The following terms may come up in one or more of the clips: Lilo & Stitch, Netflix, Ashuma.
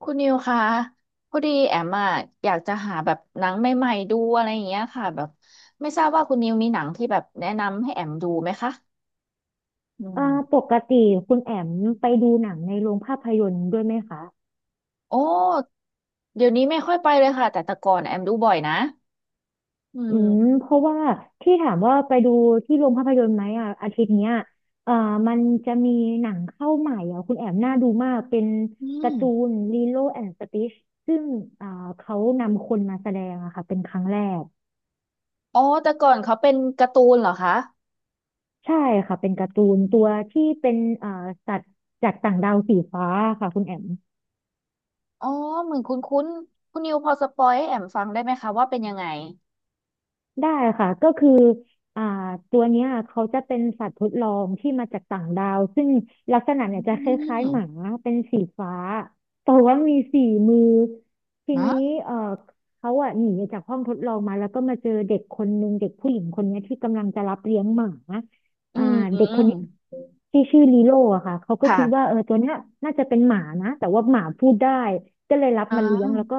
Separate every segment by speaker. Speaker 1: คุณนิวคะพอดีแอมอะอยากจะหาแบบหนังใหม่ๆดูอะไรอย่างเงี้ยค่ะแบบไม่ทราบว่าคุณนิวมีหนังที่แบบแนะนำให้แอมดูไหมคะอืม
Speaker 2: เอ่อปกติคุณแอมไปดูหนังในโรงภาพยนตร์ด้วยไหมคะ
Speaker 1: โอ้เดี๋ยวนี้ไม่ค่อยไปเลยค่ะแต่ก่อนแอมดูบ่อยนะอื
Speaker 2: อืม
Speaker 1: ม
Speaker 2: เพราะว่าที่ถามว่าไปดูที่โรงภาพยนตร์ไหมอ่ะอาทิตย์เนี้ยเอ่อมันจะมีหนังเข้าใหม่อ่ะคุณแอมน่าดูมากเป็น
Speaker 1: อื
Speaker 2: กา
Speaker 1: ม
Speaker 2: ร์ตูนลีโลแอนด์สติชซึ่งอ่าเขานำคนมาแสดงอะค่ะเป็นครั้งแรก
Speaker 1: อ๋อแต่ก่อนเขาเป็นการ์ตูนเหรอคะ
Speaker 2: ใช่ค่ะเป็นการ์ตูนตัวที่เป็นเอ่าสัตว์จากต่างดาวสีฟ้าค่ะคุณแอม
Speaker 1: อ๋อเหมือนคุ้นคุ้นคุณนิวพอสปอยให้แอมฟังได้ไหมคะว่าเป็นยังไง
Speaker 2: ได้ค่ะก็คืออ่าตัวเนี้ยเขาจะเป็นสัตว์ทดลองที่มาจากต่างดาวซึ่งลักษณะ
Speaker 1: อื
Speaker 2: เนี่ยจะคล้ายๆห
Speaker 1: ม
Speaker 2: มาเป็นสีฟ้าแต่ว่ามีสี่มือที
Speaker 1: ฮะ
Speaker 2: นี้เอ่อเขาอะหนีจากห้องทดลองมาแล้วก็มาเจอเด็กคนนึงเด็กผู้หญิงคนเนี้ยที่กำลังจะรับเลี้ยงหมา
Speaker 1: อื
Speaker 2: อ่าเด็กคนเนี้ย
Speaker 1: ม
Speaker 2: ที่ชื่อลีโลอะค่ะเขาก็
Speaker 1: ค่ะ
Speaker 2: คิดว่าเออตัวเนี้ยน่าจะเป็นหมานะแต่ว่าหมาพูดได้ก็เลยรับ
Speaker 1: อ่
Speaker 2: มาเลี้ยงแล้ว
Speaker 1: า
Speaker 2: ก็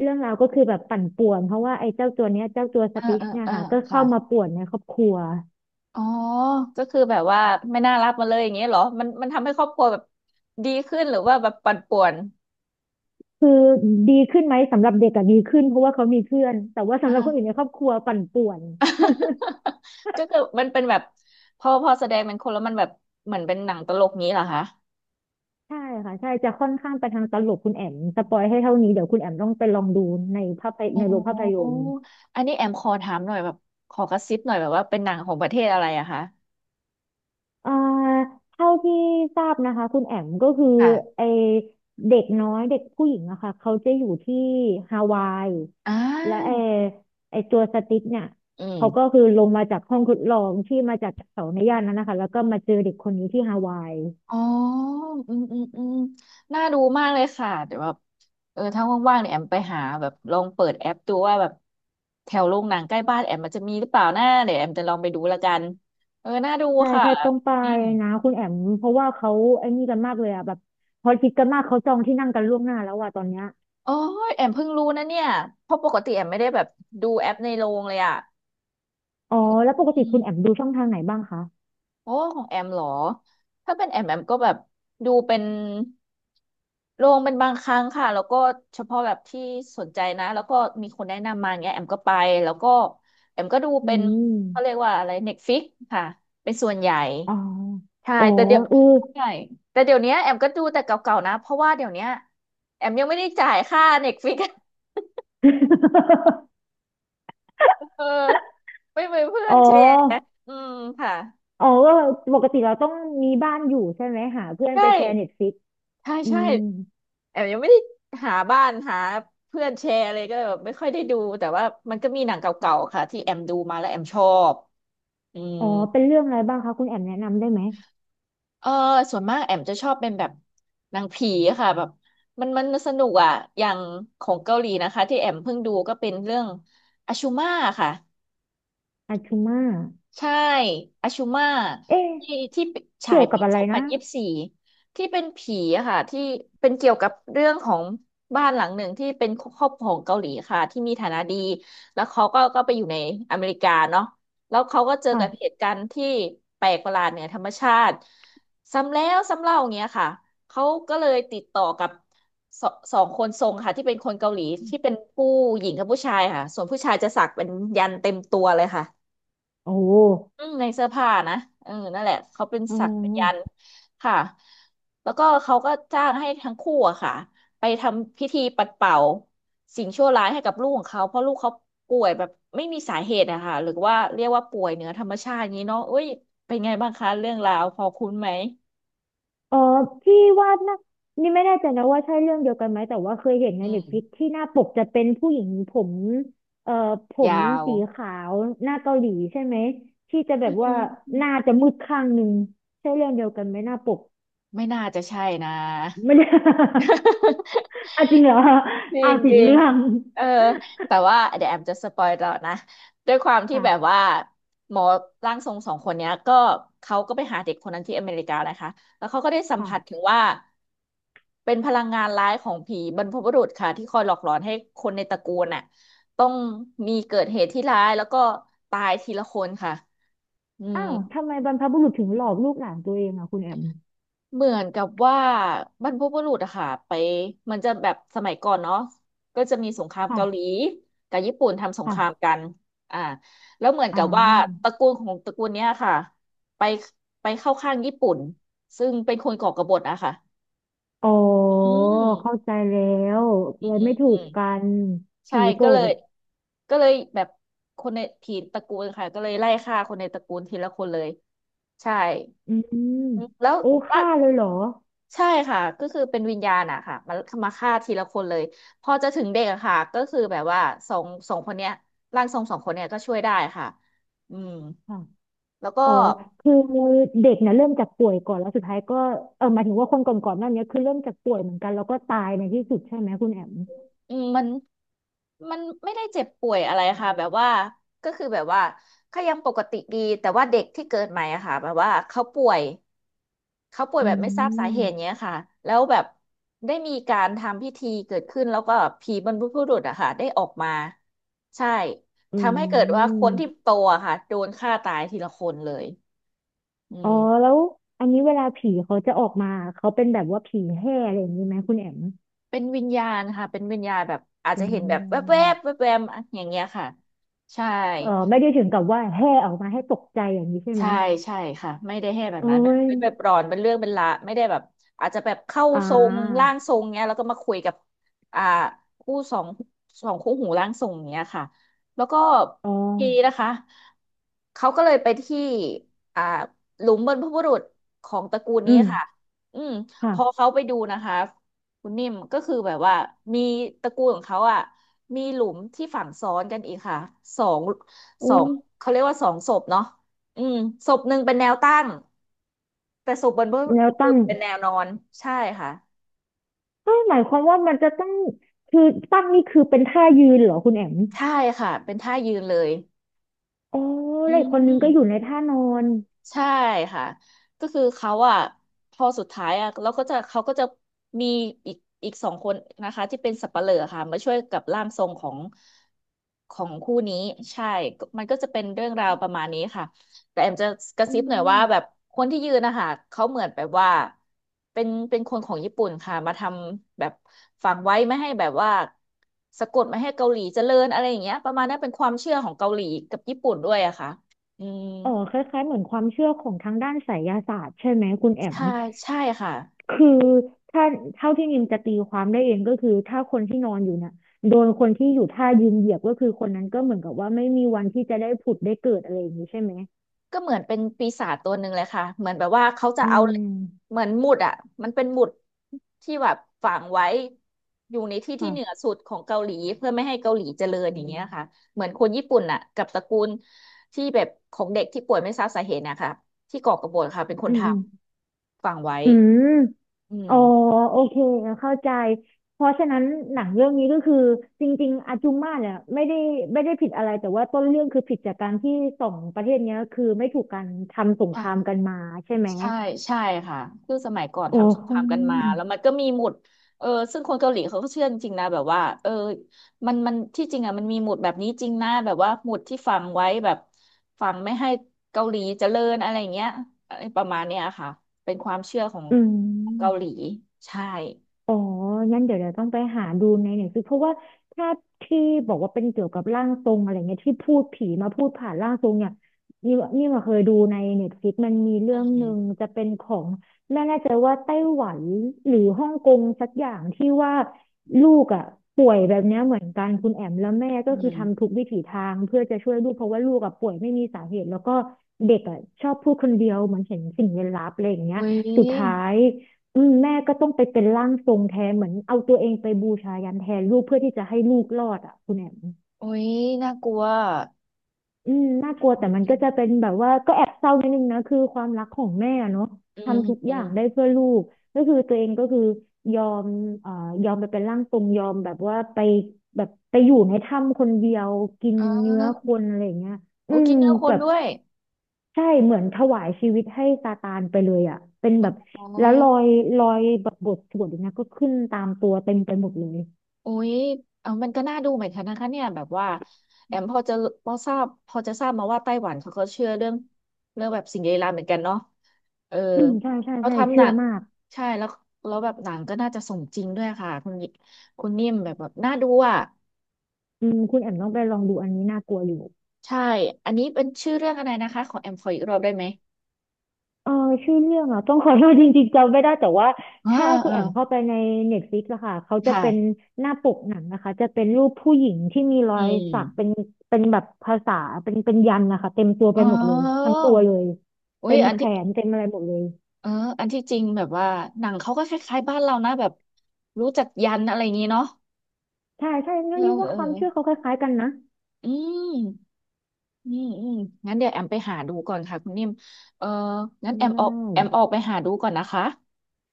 Speaker 2: เรื่องราวก็คือแบบปั่นป่วนเพราะว่าไอ้เจ้าตัวเนี้ยเจ้าตัวส
Speaker 1: เออ
Speaker 2: ติช
Speaker 1: เออ
Speaker 2: เนี่ย
Speaker 1: เออ
Speaker 2: ค่ะก็
Speaker 1: ค่ะ
Speaker 2: เข้ามาป่วนในครอบครัว
Speaker 1: อ๋อก็คือแบบว่าไม่น่ารักมาเลยอย่างเงี้ยเหรอมันทำให้ครอบครัวแบบดีขึ้นหรือว่าแบบปั่นป่วน
Speaker 2: คือดีขึ้นไหมสำหรับเด็กอะดีขึ้นเพราะว่าเขามีเพื่อนแต่ว่าสำ
Speaker 1: อ่า
Speaker 2: หรับคนอื่นในครอบครัวปั่นป่วน
Speaker 1: ก็คือมันเป็นแบบพอแสดงเป็นคนแล้วมันแบบเหมือนเป็นหนังตลกงี้เหรอคะ
Speaker 2: ใช่ค่ะใช่จะค่อนข้างไปทางตลกคุณแอมสปอยให้เท่านี้เดี๋ยวคุณแอมต้องไปลองดูในภาพย
Speaker 1: อ๋
Speaker 2: ในโรงภาพย
Speaker 1: อ
Speaker 2: นตร์
Speaker 1: อันนี้แอมขอถามหน่อยแบบขอกระซิบหน่อยแบบว่าเป็นหนังของประเทศอะไรอะคะ
Speaker 2: เอ่อเท่าที่ทราบนะคะคุณแอมก็คือไอ
Speaker 1: ค่ะ
Speaker 2: เด็กน้อยเด็กผู้หญิงอะค่ะเขาจะอยู่ที่ฮาวาย
Speaker 1: อ่
Speaker 2: และไอ
Speaker 1: า
Speaker 2: ตัวสติ๊กเนี่ย
Speaker 1: อืม
Speaker 2: เขาก็คือลงมาจากห้องทดลองที่มาจากเสาในย่านนั้นนะคะแล้วก็มาเจอเด็กคนนี้ที่ฮาวาย
Speaker 1: อ๋ออืมอืมอืมน่าดูมากเลยค่ะ เดี๋ยวแบบเออถ้าว่างๆเนี่ยแอมไปหาแบบลองเปิดแอปดูว่าแบบแถวโรงหนังใกล้บ้านแอมมันจะมีหรือเปล่านะเดี๋ยวแอมจะลองไปดูละกัน เออ น่าดู
Speaker 2: ใช่
Speaker 1: ค่ะ
Speaker 2: ใช่ต้องไป
Speaker 1: นิ่ม
Speaker 2: นะคุณแอมเพราะว่าเขาไอ้นี่กันมากเลยอะแบบพอคิดกันมากเขาจองที่นั่งกันล่วงหน้าแล้วอะตอนเนี้ย
Speaker 1: โอ้ยแอมเพิ่งรู้นะเนี่ย เพราะปกติแอมไม่ได้แบบดูแอปในโรงเลยอ่ะ
Speaker 2: อ๋อแล้วปก
Speaker 1: อื
Speaker 2: ติคุ
Speaker 1: ม
Speaker 2: ณแอมดูช่องทางไหนบ้างคะ
Speaker 1: โอ้ของแอมเหรอถ้าเป็นแอมก็แบบดูเป็นลงเป็นบางครั้งค่ะแล้วก็เฉพาะแบบที่สนใจนะแล้วก็มีคนแนะนำมาเงี้ยแอมก็ไปแล้วก็แอมก็ดู
Speaker 2: อื
Speaker 1: เป็นเขาเรีย
Speaker 2: ม
Speaker 1: กว่าอะไรเน็ตฟิกค่ะเป็นส่วนใหญ่
Speaker 2: อ๋อ
Speaker 1: ใช่
Speaker 2: โอ้
Speaker 1: แต่เดี๋ยว
Speaker 2: เออ
Speaker 1: ใช่เนี้ยแอมก็ดูแต่เก่าๆนะเพราะว่าเดี๋ยวเนี้ยแอมยังไม่ได้จ่ายค่าเน็ตฟิก เออไม่เหมือนเพื่อ
Speaker 2: อ๋อ
Speaker 1: นแชร์อืมค่ะ
Speaker 2: อ๋อก็ปกติเราต้องมีบ้านอยู่ใช่ไหมหาเพื่อน
Speaker 1: ใช่
Speaker 2: ไปแชร์เน็ตฟลิก
Speaker 1: ใช่
Speaker 2: อื
Speaker 1: ใช่
Speaker 2: ม
Speaker 1: แอมยังไม่ได้หาบ้านหาเพื่อนแชร์อะไรก็เลยแบบไม่ค่อยได้ดูแต่ว่ามันก็มีหนังเก่าๆค่ะที่แอมดูมาแล้วแอมชอบอืม
Speaker 2: อ๋อเป็นเรื่องอะไรบ้างคะคุณแอมแนะนำได้ไหม
Speaker 1: เออส่วนมากแอมจะชอบเป็นแบบหนังผีค่ะแบบมันสนุกอ่ะอย่างของเกาหลีนะคะที่แอมเพิ่งดูก็เป็นเรื่องอาชูมาค่ะ
Speaker 2: อาชูมา
Speaker 1: ใช่อาชูมา
Speaker 2: เอ๊ะ
Speaker 1: ที่ฉา
Speaker 2: เกี่
Speaker 1: ย
Speaker 2: ยวกั
Speaker 1: ปี
Speaker 2: บอะ
Speaker 1: ส
Speaker 2: ไร
Speaker 1: องพั
Speaker 2: นะ
Speaker 1: นยี่สิบสี่ที่เป็นผีอะค่ะที่เป็นเกี่ยวกับเรื่องของบ้านหลังหนึ่งที่เป็นครอบครัวของเกาหลีค่ะที่มีฐานะดีแล้วเขาก็ไปอยู่ในอเมริกาเนาะแล้วเขาก็เจอกับเห
Speaker 2: ค่ะ
Speaker 1: ตุการณ์ที่แปลกประหลาดเหนือธรรมชาติซ้ำแล้วซ้ำเล่าอย่างเงี้ยค่ะเขาก็เลยติดต่อกับสสองคนทรงค่ะที่เป็นคนเกาหลีที่เป็นผู้หญิงกับผู้ชายค่ะส่วนผู้ชายจะสักเป็นยันเต็มตัวเลยค่ะ
Speaker 2: โอ้
Speaker 1: อืมในเสื้อผ้านะเออนั่นแหละเขาเป็น
Speaker 2: อ๋อ
Speaker 1: ศักยันต์ค่ะ แล้วก็เขาก็จ้างให้ทั้งคู่อะค่ะไปทำพิธีปัดเป่าสิ่งชั่วร้ายให้กับลูกของเขาเพราะลูกเขาป่วยแบบไม่มีสาเหตุอะค่ะหรือว่าเรียกว่าป่วยเหนือธรรมชาติอย่างนี้เนาะเอ้ยเป็นไงบ้างคะเรื่องราวพอคุ้นไหม
Speaker 2: อ๋อพี่ว่านะนี่ไม่แน่ใจนะว่าใช่เรื่องเดียวกันไหมแต่ว่าเคยเห็นใน
Speaker 1: อื
Speaker 2: เน็ตฟลิ
Speaker 1: ม
Speaker 2: กที่หน้าปกจะเป็นผู้หญิงผมเอ่อผ
Speaker 1: ยา
Speaker 2: ม
Speaker 1: ว
Speaker 2: สีขาวหน้าเกาหลีใช่ไหม ที่จะแบ
Speaker 1: อื
Speaker 2: บว่าหน้า
Speaker 1: ม
Speaker 2: จะมืดข้างหนึ่งใช่เรื่องเดียวกันไหมหน้าปก
Speaker 1: ไม่น่าจะใช่นะ
Speaker 2: ไม่ได้ อ่ะจริงเหรอ
Speaker 1: จริ
Speaker 2: อ้าว
Speaker 1: ง
Speaker 2: ผิ
Speaker 1: จ
Speaker 2: ด
Speaker 1: ริง
Speaker 2: เรื่อง
Speaker 1: เออแต่ว่าเดี๋ยวแอมจะสปอยต่อนะ ด้วยความ ที่แบบ
Speaker 2: ค่ะ
Speaker 1: ว่าหมอร่างทรงสองคนเนี้ยก็เขาก็ไปหาเด็กคนนั้นที่อเมริกานะคะแล้วเขาก็ได้สัม
Speaker 2: ค่ะ
Speaker 1: ผัสถึงว่าเป็นพลังงานร้ายของผีบรรพบุรุษค่ะที่คอยหลอกหลอนให้คนในตระกูลน่ะต้องมีเกิดเหตุที่ร้ายแล้วก็ตายทีละคนค่ะอืม
Speaker 2: อ้าวทำไมบรรพบุรุษถึงหลอกลูกหลานตัวเองอ่ะคุณแอม
Speaker 1: เหมือนกับว่าบรรพบุรุษอะค่ะไปมันจะแบบสมัยก่อนเนาะก็จะมีสงคราม
Speaker 2: ค่ะ
Speaker 1: เกาหลีกับญี่ปุ่นทำสงค
Speaker 2: ค่ะ
Speaker 1: รามกันอ่าแล้วเหมือน
Speaker 2: อ้า
Speaker 1: กับว่า
Speaker 2: ว
Speaker 1: ตระกูลของตระกูลเนี้ยค่ะไปไปเข้าข้างญี่ปุ่นซึ่งเป็นคนก่อกบฏอะค่ะ
Speaker 2: อ๋อ
Speaker 1: อื
Speaker 2: เข้า
Speaker 1: ม
Speaker 2: ใจแล้วเลยไม่ถู
Speaker 1: อื
Speaker 2: ก
Speaker 1: ม
Speaker 2: กัน
Speaker 1: ใช่
Speaker 2: ผีโก
Speaker 1: ก็
Speaker 2: ร
Speaker 1: เลย
Speaker 2: ธ
Speaker 1: ก็เลยแบบคนในทีตระกูลค่ะก็เลยไล่ฆ่าคนในตระกูลทีละคนเลยใช่
Speaker 2: อืม
Speaker 1: แล้ว
Speaker 2: โอ้ฆ่าเลยเหรอ
Speaker 1: ใช่ค่ะก็คือเป็นวิญญาณอะค่ะมามาฆ่าทีละคนเลยพอจะถึงเด็กอะค่ะก็คือแบบว่าสองคนเนี้ยร่างทรงสองคนเนี้ยก็ช่วยได้ค่ะอืม
Speaker 2: ค่ะ
Speaker 1: แล้วก็
Speaker 2: อ๋อคือเด็กเนี่ยเริ่มจากป่วยก่อนแล้วสุดท้ายก็เออหมายถึงว่าคนก่อนๆหน้านี้คือเริ่มจากป่วยเหมือนกันแล้วก็ตายในที่สุดใช่ไหมคุณแอม
Speaker 1: อืมมันไม่ได้เจ็บป่วยอะไรค่ะแบบว่าก็คือแบบว่าก็ยังปกติดีแต่ว่าเด็กที่เกิดใหม่อะค่ะแบบว่าเขาป่วย เขาป่วย
Speaker 2: อื
Speaker 1: แบบไม่ทราบสา
Speaker 2: ม
Speaker 1: เหตุเนี้ยค่ะแล้วแบบได้มีการทำพิธีเกิดขึ้นแล้วก็ผีบรรพบุรุษอะค่ะได้ออกมาใช่
Speaker 2: อื
Speaker 1: ทำให้เกิดว่าคนที่
Speaker 2: ม
Speaker 1: โตอะค่ะโดนฆ่าตายทีละคนเลยอื
Speaker 2: อ๋อ
Speaker 1: ม
Speaker 2: แล้วอันนี้เวลาผีเขาจะออกมาเขาเป็นแบบว่าผีแห่อะไรอย่างนี้ไหมคุณแอม
Speaker 1: เป็นวิญญาณค่ะเป็นวิญญาณแบบอาจ
Speaker 2: เป็
Speaker 1: จะ
Speaker 2: น
Speaker 1: เห็
Speaker 2: วิ
Speaker 1: น
Speaker 2: ญ
Speaker 1: แบบ
Speaker 2: ญา
Speaker 1: แว
Speaker 2: ณ
Speaker 1: บๆแวบๆอะอย่างเงี้ยค่ะใช่
Speaker 2: เออไม่ได้ถึงกับว่าแห่ออกมาให้ตกใจอย่างนี้ใช่ไหม
Speaker 1: ใช่ใช่ค่ะไม่ได้ให้แบบ
Speaker 2: เอ้
Speaker 1: นั้นแบบ
Speaker 2: ย
Speaker 1: เป็นแบบร้อนเป็นเรื่องเป็นละไม่ได้แบบอาจจะแบบเข้า
Speaker 2: อ่
Speaker 1: ทรง
Speaker 2: า
Speaker 1: ร่างทรงเนี้ยแล้วก็มาคุยกับอ่าคู่สองสองคู่หูร่างทรงเนี้ยค่ะแล้วก็
Speaker 2: อ๋อ
Speaker 1: ทีนี้นะคะเขาก็เลยไปที่อ่าหลุมบรรพบุรุษของตระกูล
Speaker 2: อื
Speaker 1: นี้
Speaker 2: ม
Speaker 1: ค่ะอืมพอ
Speaker 2: ค่ะ
Speaker 1: เขาไปดูนะคะคุณนิ่มก็คือแบบว่ามีตระกูลของเขาอ่ะมีหลุมที่ฝังซ้อนกันอีกค่ะสองส
Speaker 2: โอ้
Speaker 1: องเขาเรียกว่าสองศพเนาะ อืมศพหนึ่งเป็นแนวตั้งแต่ศพบนบุ
Speaker 2: แนว
Speaker 1: รุ
Speaker 2: ตั้ง
Speaker 1: ษเป็นแนวนอนใช่ค่ะ
Speaker 2: เอ้ยหมายความว่ามันจะต้องคือตั้งนี่คือเป็นท่ายืนเหรอคุณแอม
Speaker 1: ใช่ค่ะเป็นท่ายืนเลย
Speaker 2: อ๋อ
Speaker 1: อื
Speaker 2: แล้วอีกคนนึงก็อยู่
Speaker 1: ม
Speaker 2: ในท่านอน
Speaker 1: ใช่ค่ะก็คือเขาอ่ะพอสุดท้ายอ่ะแล้วก็จะเขาก็จะมีอีกอีกสองคนนะคะที่เป็นสับปะเหร่อค่ะมาช่วยกับร่างทรงของของคู่นี้ใช่ก็มันก็จะเป็นเรื่องราวประมาณนี้ค่ะแต่แอมจะกระ
Speaker 2: อื
Speaker 1: ซิบหน่อยว่าแบบ
Speaker 2: ม
Speaker 1: คนที่ยืนนะคะเขาเหมือนแบบว่าเป็นคนของญี่ปุ่นค่ะมาทำแบบฝังไว้ไม่ให้แบบว่าสะกดไม่ให้เกาหลีเจริญอะไรอย่างเงี้ยประมาณนั้นเป็นความเชื่อของเกาหลีกับญี่ปุ่นด้วยอะค่ะอืม
Speaker 2: อ๋อคล้ายๆเหมือนความเชื่อของทางด้านไสยศาสตร์ใช่ไหมคุณแอม
Speaker 1: ใช่ใช่ค่ะ
Speaker 2: คือถ้าเท่าที่นิมจะตีความได้เองก็คือถ้าคนที่นอนอยู่น่ะโดนคนที่อยู่ท่ายืนเหยียบก็คือคนนั้นก็เหมือนกับว่าไม่มีวันที่จะได้ผุดได้เกิดอะไรอย่างนี้ใช่ไหม
Speaker 1: ก็เหมือนเป็นปีศาจตัวหนึ่งเลยค่ะเหมือนแบบว่าเขาจะ
Speaker 2: อื
Speaker 1: เอา
Speaker 2: ม
Speaker 1: เหมือนหมุดอ่ะมันเป็นหมุดที่แบบฝังไว้อยู่ในที่ที่
Speaker 2: ค่ะ
Speaker 1: เหนือสุดของเกาหลีเพื่อไม่ให้เกาหลีเจริญอย่างเงี้ยค่ะเหมือนคนญี่ปุ่นอ่ะกับตระกูลที่แบบของเด็กที่ป่วยไม่ทราบสาเหตุนะคะที่ก่อกบฏค่ะเป็นค
Speaker 2: อื
Speaker 1: น
Speaker 2: ม
Speaker 1: ท
Speaker 2: อืม
Speaker 1: ำฝังไว้
Speaker 2: อืม
Speaker 1: อื
Speaker 2: อ๋อ
Speaker 1: ม
Speaker 2: โอเคเข้าใจเพราะฉะนั้นหนังเรื่องนี้ก็คือจริงๆอาจุมมาเนี่ยไม่ได้ไม่ได้ผิดอะไรแต่ว่าต้นเรื่องคือผิดจากการที่สองประเทศเนี้ยคือไม่ถูกกันทำสงครามกันมาใช่ไหม
Speaker 1: ใช่ใช่ค่ะคือสมัยก่อน
Speaker 2: โอ้
Speaker 1: ทำสงครามกันมาแล้วมันก็มีหมุดเออซึ่งคนเกาหลีเขาก็เชื่อจริงๆนะแบบว่าเออมันที่จริงอ่ะมันมีหมุดแบบนี้จริงนะแบบว่าหมุดที่ฝังไว้แบบฝังไม่ให้เกาหลีเจริญอะไรอย่างเงี้ยอะไรประมาณเนี้ยค่ะเป็นความเชื่อของ
Speaker 2: อื
Speaker 1: เกาหลี
Speaker 2: ม
Speaker 1: ใช่
Speaker 2: อ๋องั้นเดี๋ยวเดี๋ยวต้องไปหาดูในหนังสือเพราะว่าถ้าที่บอกว่าเป็นเกี่ยวกับร่างทรงอะไรเงี้ยที่พูดผีมาพูดผ่านร่างทรงเนี่ยนี่นี่มาเคยดูในเน็ตฟลิกมันมีเรื่
Speaker 1: อื
Speaker 2: องหนึ่ง
Speaker 1: ม
Speaker 2: จะเป็นของไม่แน่ใจว่าไต้หวันหรือฮ่องกงสักอย่างที่ว่าลูกอ่ะป่วยแบบเนี้ยเหมือนกันคุณแอมแล้วแม่ก็
Speaker 1: อื
Speaker 2: คือ
Speaker 1: ม
Speaker 2: ทำทุกวิถีทางเพื่อจะช่วยลูกเพราะว่าลูกอ่ะป่วยไม่มีสาเหตุแล้วก็เด็กอ่ะชอบพูดคนเดียวเหมือนเห็นสิ่งลี้ลับอะไรอย่างเงี้ย
Speaker 1: อุ้ย
Speaker 2: สุดท้าย อืมแม่ก็ต้องไปเป็นร่างทรงแทนเหมือนเอาตัวเองไปบูชายันแทนลูกเพื่อที่จะให้ลูกรอดอ่ะคุณแอม
Speaker 1: อุ้ยน่ากลัว
Speaker 2: อืมน่ากลัวแต่มันก็จะเป็นแบบว่าก็แอบเศร้านิดนึงนะคือความรักของแม่อะเนาะ
Speaker 1: อืม
Speaker 2: ทำทุก
Speaker 1: อื
Speaker 2: อย่า
Speaker 1: ม
Speaker 2: งได้เพื่อลูกก็คือตัวเองก็คือยอมเอ่อยอมไปเป็นร่างทรงยอมแบบว่าไปแบบไปอยู่ในถ้ำคนเดียวกิน
Speaker 1: อื
Speaker 2: เนื้อค
Speaker 1: ม
Speaker 2: นอะไรอย่างเงี้ย
Speaker 1: โอ้
Speaker 2: อื
Speaker 1: กิ
Speaker 2: ม
Speaker 1: นเนื้อค
Speaker 2: แบ
Speaker 1: น
Speaker 2: บ
Speaker 1: ด้วย
Speaker 2: ใช่เหมือนถวายชีวิตให้ซาตานไปเลยอ่ะเป็นแบบ
Speaker 1: อ๋
Speaker 2: แล้วรอ
Speaker 1: อ
Speaker 2: ยแบบบทสวดอย่างเงี้ยก็ขึ้นตามตัวเต็มไปหมดเลย
Speaker 1: โอ้ยเอามันก็น่าดูเหมือนกันนะคะเนี่ยแบบว่าแอมพอจะพอทราบพอจะทราบมาว่าไต้หวันเขาก็เชื่อเรื่องเรื่องแบบสิ่งลี้ลับเหมือนกันเนาะเออ
Speaker 2: อืมใช่ใช่
Speaker 1: เขา
Speaker 2: ใช่
Speaker 1: ทำห
Speaker 2: เชื่
Speaker 1: นั
Speaker 2: อ
Speaker 1: ง
Speaker 2: มาก
Speaker 1: ใช่แล้วแล้วแบบหนังก็น่าจะสมจริงด้วยค่ะคุณคุณนิ่มแบบแบบน่าดูอ่ะ
Speaker 2: อืมคุณแอมต้องไปลองดูอันนี้น่ากลัวอยู่
Speaker 1: ใช่อันนี้เป็นชื่อเรื่องอะไรนะคะของแอมขออีกรอบได้ไหม
Speaker 2: เออชื่อเรื่องอ่ะต้องขอโทษจริงๆจำไม่ได้แต่ว่า
Speaker 1: เอ๋อ
Speaker 2: ถ้า
Speaker 1: เออ
Speaker 2: คุ
Speaker 1: เอ
Speaker 2: ณ
Speaker 1: อ
Speaker 2: แอมเข้าไปใน Netflix อะค่ะเขาจะเป็น
Speaker 1: ค่ะ
Speaker 2: หน้าปกหนังนะคะจะเป็นรูปผู้หญิงที่มีรอ
Speaker 1: อื
Speaker 2: ยสักเป็น
Speaker 1: ม
Speaker 2: เป็นแบบภาษาเป็นยันต์นะคะเต็มตัวไป
Speaker 1: อ๋
Speaker 2: หมดเลยทั้
Speaker 1: อ
Speaker 2: งตัวเลย
Speaker 1: อุ้
Speaker 2: เต็
Speaker 1: ย
Speaker 2: ม
Speaker 1: อัน
Speaker 2: แข
Speaker 1: ที่
Speaker 2: นเต็มอะไรหมดเลย
Speaker 1: เอออันที่จริงแบบว่าหนังเขาก็คล้ายๆบ้านเรานะแบบรู้จักยันอะไรอย่างนี้เนาะ
Speaker 2: ใช่ใช่
Speaker 1: เอ
Speaker 2: งั้น
Speaker 1: อ
Speaker 2: นี่ว่า
Speaker 1: เออ
Speaker 2: ความเชื่อเขาคล้ายๆกันนะ
Speaker 1: อืมอืมอืมงั้นเดี๋ยวแอมไปหาดูก่อนค่ะคุณนิ่มเอองั้นแอมออกแอมออกไปหาดูก่อนนะคะ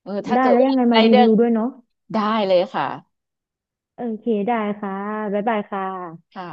Speaker 1: เออถ้า
Speaker 2: ได้
Speaker 1: เกิ
Speaker 2: ได้
Speaker 1: ด
Speaker 2: แล้ว
Speaker 1: ว่า
Speaker 2: ยังไงมา
Speaker 1: ได้
Speaker 2: รี
Speaker 1: เดิ
Speaker 2: วิ
Speaker 1: น
Speaker 2: วด้วยเนาะ
Speaker 1: ได้เลยค่ะ
Speaker 2: โอเคได้ค่ะบ๊ายบายค่ะ
Speaker 1: ค่ะ